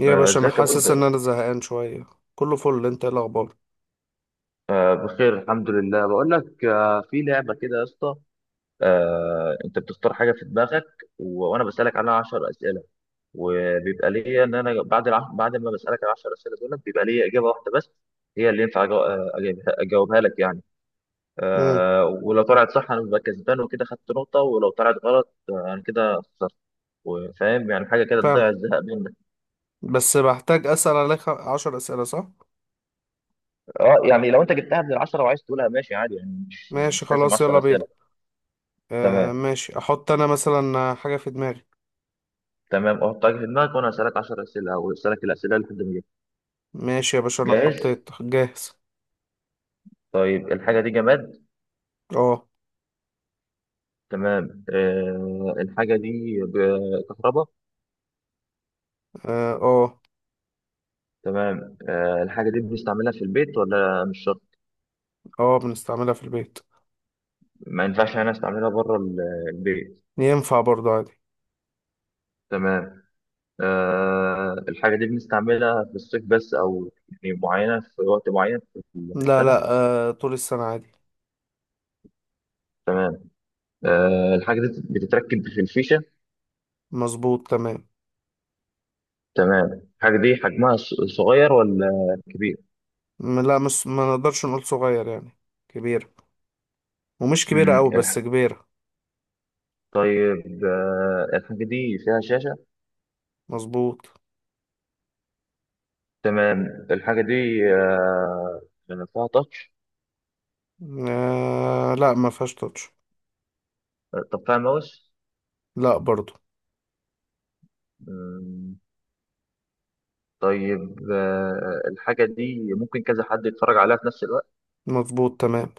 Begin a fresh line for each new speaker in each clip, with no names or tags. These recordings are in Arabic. يا باشا، انا
ازيك يا
حاسس ان
بود؟
انا زهقان شويه. كله فل، انت ايه الاخبار؟
بخير الحمد لله. بقول لك، في لعبه كده يا اسطى. انت بتختار حاجه في دماغك، وانا بسالك عنها 10 اسئله، وبيبقى ليا ان انا بعد ما بسالك ال 10 اسئله دول بيبقى ليا اجابه واحده بس، هي اللي ينفع اجاوبها لك يعني.
امم
ولو طلعت صح انا ببقى كسبان وكده خدت نقطه، ولو طلعت غلط انا كده خسرت. وفاهم يعني، حاجه كده
فاهم.
تضيع الزهق منك.
بس بحتاج اسال عليك عشر اسئله، صح؟
اه يعني لو انت جبتها من العشرة وعايز تقولها ماشي عادي يعني، مش
ماشي،
مش لازم
خلاص، يلا
10
بينا.
اسئله.
آه
تمام.
ماشي، احط انا مثلا حاجه في دماغي.
تمام، احط حاجه في دماغك وانا اسالك 10 اسئله او اسالك الاسئله اللي في دماغك.
ماشي يا باشا، انا
جاهز؟
حطيت جاهز.
طيب، الحاجه دي جماد؟
اه.
تمام. الحاجه دي كهرباء؟
اه، اه.
تمام. الحاجه دي بنستعملها في البيت ولا مش شرط؟
اه، بنستعملها في البيت.
ما ينفعش انا استعملها بره البيت؟
ينفع برضو عادي.
تمام. الحاجه دي بنستعملها في الصيف بس او يعني معينه في وقت معين في
لا،
السنه؟
لا. آه، طول السنه عادي.
الحاجه دي بتتركب في الفيشه؟
مظبوط، تمام.
تمام. الحاجه دي حجمها صغير ولا كبير؟
لا، مش ما نقدرش نقول صغير يعني. كبيره. ومش كبيره
مم،
قوي
الح-
بس كبيره.
طيب، الحاجة دي فيها شاشة؟
مظبوط.
تمام. الحاجة دي، آه، يعني فيها تاتش؟
آه لا، ما فيهاش touch.
طب فيها ماوس؟
لا برضو.
مم، طيب، الحاجة دي ممكن كذا حد يتفرج عليها في نفس الوقت؟
مظبوط، تمام.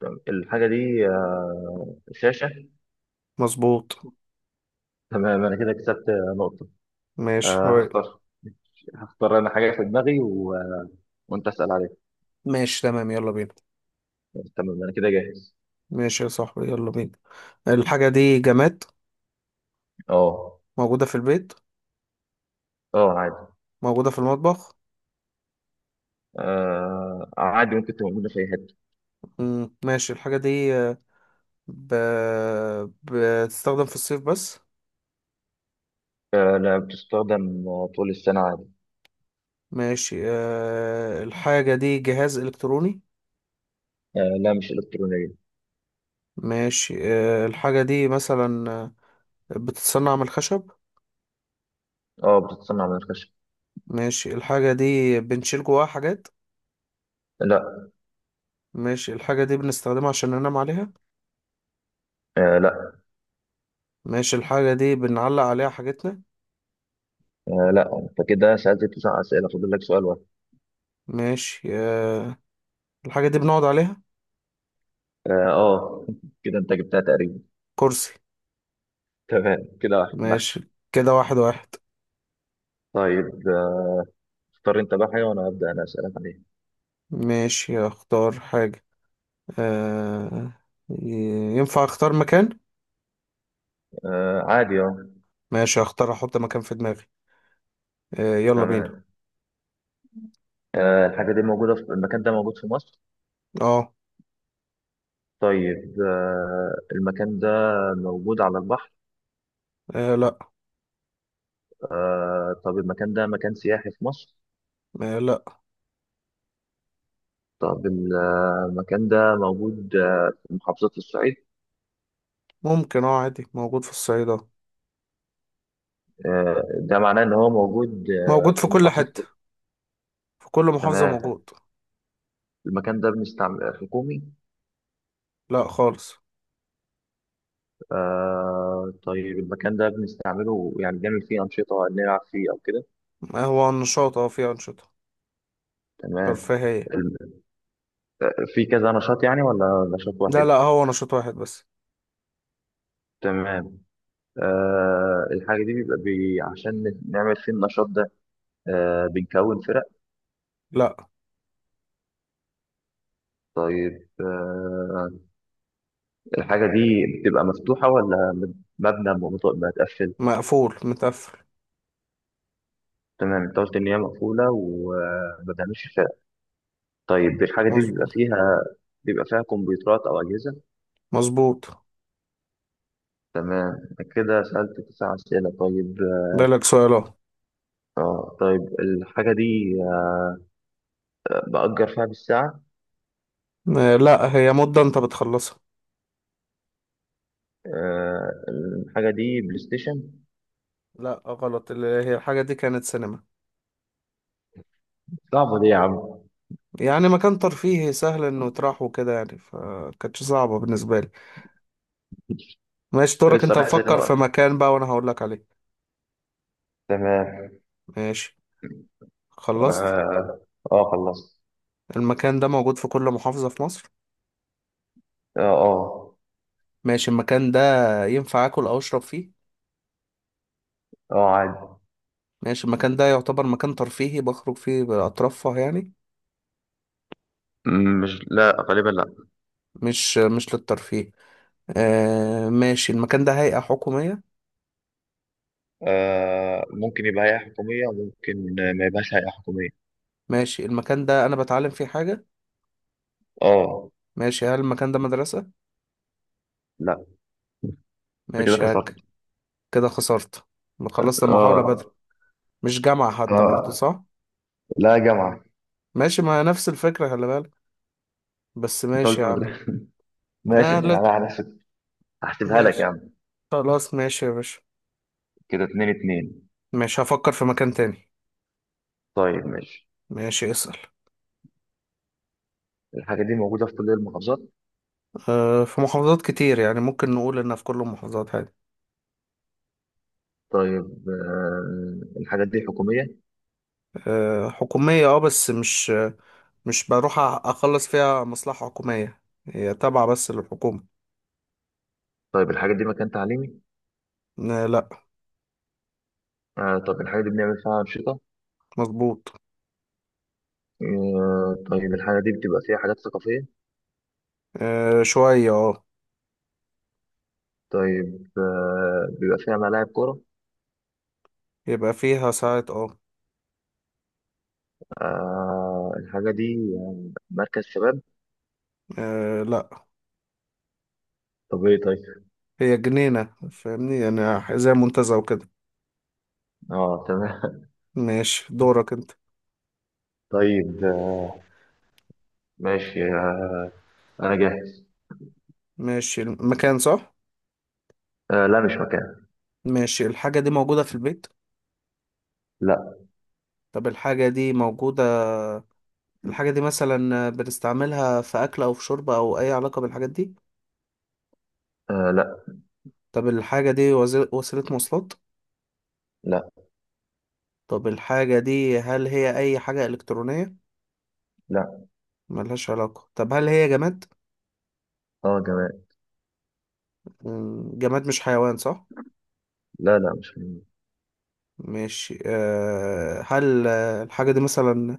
تمام. الحاجة دي شاشة.
مظبوط.
تمام، أنا كده كسبت نقطة.
ماشي
آه،
هو.
هختار هختار أنا حاجة في دماغي و... آه، وأنت أسأل عليها.
ماشي، تمام، يلا بينا.
تمام، أنا كده جاهز.
ماشي يا صاحبي، يلا بينا. الحاجة دي جماد.
أه.
موجودة في البيت.
أه، عادي.
موجودة في المطبخ.
عادي، ممكن تبقى موجودة في أي حتة.
ماشي. الحاجة دي ب... بتستخدم في الصيف بس.
لا، بتستخدم طول السنة عادي.
ماشي. الحاجة دي جهاز إلكتروني.
لا، مش إلكترونية.
ماشي، الحاجة دي مثلا بتتصنع من الخشب.
اه، بتتصنع من الخشب.
ماشي، الحاجة دي بنشيل جواها حاجات.
لا.
ماشي، الحاجة دي بنستخدمها عشان ننام عليها.
لا.
ماشي، الحاجة دي بنعلق عليها حاجتنا.
آه لا، انت كده سألت تسع أسئلة، فاضل لك سؤال واحد.
ماشي، الحاجة دي بنقعد عليها.
اه، آه. كده انت جبتها تقريبا.
كرسي.
تمام، كده واحد واحد.
ماشي، كده واحد واحد.
طيب، اختار انت بقى حاجة وانا هبدأ انا أسألك عليها.
ماشي، اختار حاجة. آه، ينفع اختار مكان؟
آه، عادي اه.
ماشي، اختار احط مكان في دماغي. آه، يلا بينا.
تمام. الحاجة دي موجودة في المكان ده، موجود في مصر؟
اه.
طيب، المكان ده موجود على البحر؟
آه، لا.
طب المكان ده مكان سياحي في مصر؟
آه، لا.
طب المكان ده موجود في محافظة الصعيد؟
ممكن اه، عادي، موجود في الصعيد اه.
ده معناه ان هو موجود
موجود في
في
كل
المحافظات
حتة.
كلها.
في كل محافظة
تمام.
موجود.
المكان ده بنستعمل حكومي؟
لا خالص.
طيب، المكان ده بنستعمله يعني بنعمل فيه انشطه نلعب فيه او كده؟
ما هو نشاط، اه فيه أنشطة
تمام.
ترفيهية.
الم- في كذا نشاط يعني ولا نشاط
لا
واحد؟
لا، هو نشاط واحد بس.
تمام. الحاجه دي بيبقى بي عشان نعمل فيه النشاط ده؟ بنكون فرق؟
لا.
طيب، الحاجه دي بتبقى مفتوحه ولا مبنى متقفل؟
مقفول، متقفل.
تمام، انت قلت ان هي مقفوله وما بنعملش. طيب، الحاجة دي بيبقى
مظبوط.
فيها بيبقى فيها كمبيوترات أو أجهزة؟
مظبوط.
تمام، كده سألت تسع أسئلة. طيب،
بالك سؤال اهو.
طيب، الحاجة دي بأجر فيها بالساعة؟
آه، لا، هي مدة انت بتخلصها.
الحاجة دي بلاي ستيشن؟
لا غلط. اللي هي الحاجة دي كانت سينما.
صعبة دي يا عم.
يعني مكان ترفيهي، سهل انه يتراح وكده يعني، فكانتش صعبة بالنسبة لي. ماشي،
أنت
دورك
لسه
انت.
رايح سنة
مفكر في
بقى.
مكان بقى وانا هقولك عليه.
تمام.
ماشي.
آه
خلصت.
آه خلصت.
المكان ده موجود في كل محافظة في مصر.
آه، آه.
ماشي. المكان ده ينفع اكل او اشرب فيه؟
آه، عادي.
ماشي. المكان ده يعتبر مكان ترفيهي، بخرج فيه اترفه يعني.
مش، لا غالبا لا.
مش للترفيه. آه ماشي. المكان ده هيئة حكومية؟
ممكن يبقى هيئة حكومية وممكن ما يبقاش هيئة حكومية.
ماشي. المكان ده أنا بتعلم فيه حاجة؟
آه،
ماشي. هل المكان ده مدرسة؟
لا. أنت كده
ماشي، هك.
خسرت.
كده خسرت. ما خلصت المحاولة بدري.
آه.
مش جامعة حتى برضو،
آه،
صح؟
لا يا جماعة.
ماشي، ما نفس الفكرة، خلي بالك. بس
انت
ماشي
قلت
يا عم.
مدرسة. ماشي،
آه، لا.
يعني على حسب. هحسبها لك يا
ماشي.
عم.
خلاص، ماشي يا باشا.
كده 2-2.
ماشي، هفكر في مكان تاني.
طيب، ماشي.
ماشي، اسأل.
الحاجة دي موجودة في كل المحافظات؟
آه، في محافظات كتير يعني، ممكن نقول إنها في كل المحافظات عادي.
طيب، الحاجات دي حكومية؟
آه، حكومية اه، بس مش بروح أخلص فيها مصلحة حكومية. هي تابعة بس للحكومة.
طيب، الحاجة دي مكان تعليمي؟
آه، لا.
طب الحاجة دي بنعمل فيها أنشطة؟
مظبوط.
طيب، الحاجة دي بتبقى فيها حاجات ثقافية؟
آه، شوية اه.
طيب، بيبقى فيها ملاعب كورة؟
يبقى فيها ساعات اه.
الحاجة دي مركز شباب؟
آه، لا.
طب ايه طيب.
هي جنينة فاهمني، يعني زي منتزه وكده.
اه، تمام.
ماشي، دورك انت.
طيب، ماشي. انا جاهز.
ماشي، المكان صح.
آه، لا مش مكان.
ماشي، الحاجة دي موجودة في البيت.
لا.
طب الحاجة دي موجودة الحاجة دي مثلا بنستعملها في أكل أو في شرب أو أي علاقة بالحاجات دي.
آه، لا.
طب الحاجة دي وسيلة مواصلات.
لا.
طب الحاجة دي هل هي أي حاجة إلكترونية؟
لا.
ملهاش علاقة. طب هل هي جماد؟
اه، تمام.
جماد مش حيوان، صح؟
لا، لا، مش فنية.
ماشي. أه، هل الحاجة دي مثلا،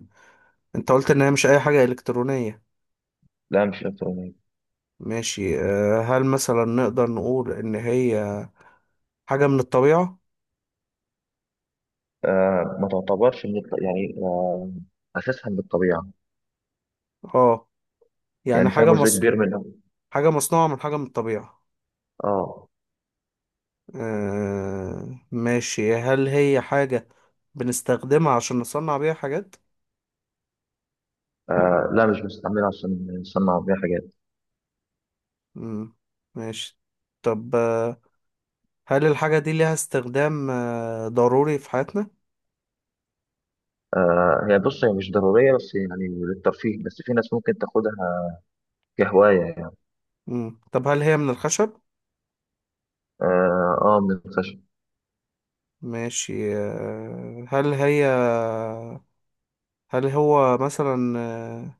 انت قلت ان هي مش اي حاجة الكترونية.
لا، مش إلكترونية.
ماشي. أه، هل مثلا نقدر نقول ان هي حاجة من الطبيعة.
ما تعتبرش من يعني، أساسها من الطبيعة.
اه. يعني
يعني فيها
حاجة
جزء كبير منها.
حاجة مصنوعة من حاجة من الطبيعة.
آه.
أه ماشي. هل هي حاجة بنستخدمها عشان نصنع بيها حاجات؟
لا، مش بنستعملها عشان نصنع بيها حاجات.
مم. ماشي. طب هل الحاجة دي ليها استخدام ضروري في حياتنا؟
هي بص، هي مش ضرورية، بس يعني للترفيه، بس في ناس ممكن تاخدها كهواية يعني.
مم. طب هل هي من الخشب؟
آه، آه، من الخشب.
ماشي. هل هو مثلا،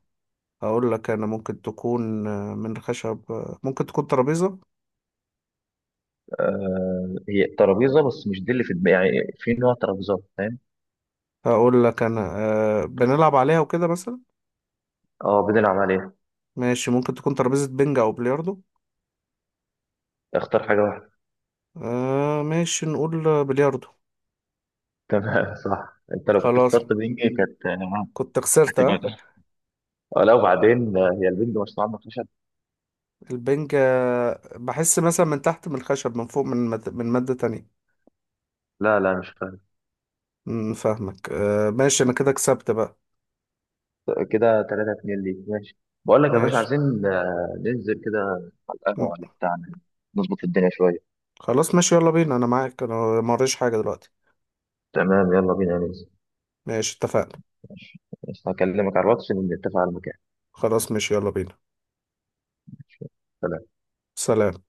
هقول لك انا، ممكن تكون من خشب، ممكن تكون ترابيزة.
هي ترابيزة، بس مش دي اللي في دماغي، يعني في نوع ترابيزات فاهم.
هقول لك انا بنلعب عليها وكده مثلا.
بنلعب عليها.
ماشي، ممكن تكون ترابيزة بنج او بلياردو.
اختار حاجة واحدة.
آه، ماشي، نقول بلياردو.
تمام، صح. انت لو كنت
خلاص.
اخترت بنج كانت
كنت خسرت
هتبقى.
ها.
لا، وبعدين هي البنج مصنوعة من الخشب؟
البنج بحس مثلا من تحت من الخشب، من فوق، من مادة تانية.
لا، لا، مش فاهم.
فاهمك. ماشي، انا كده كسبت بقى.
كده 3-2 ليك ماشي. بقول لك يا باشا،
ماشي.
عايزين ننزل كده على القهوة ولا بتاعنا، نظبط الدنيا شوية.
خلاص، ماشي يلا بينا، انا معاك انا. ما وريش حاجة دلوقتي.
تمام، يلا بينا ننزل.
ماشي، اتفقنا.
ماشي. بس هكلمك على الواتس نتفق على المكان.
خلاص، ماشي، يلا بينا.
ماشي.
سلام.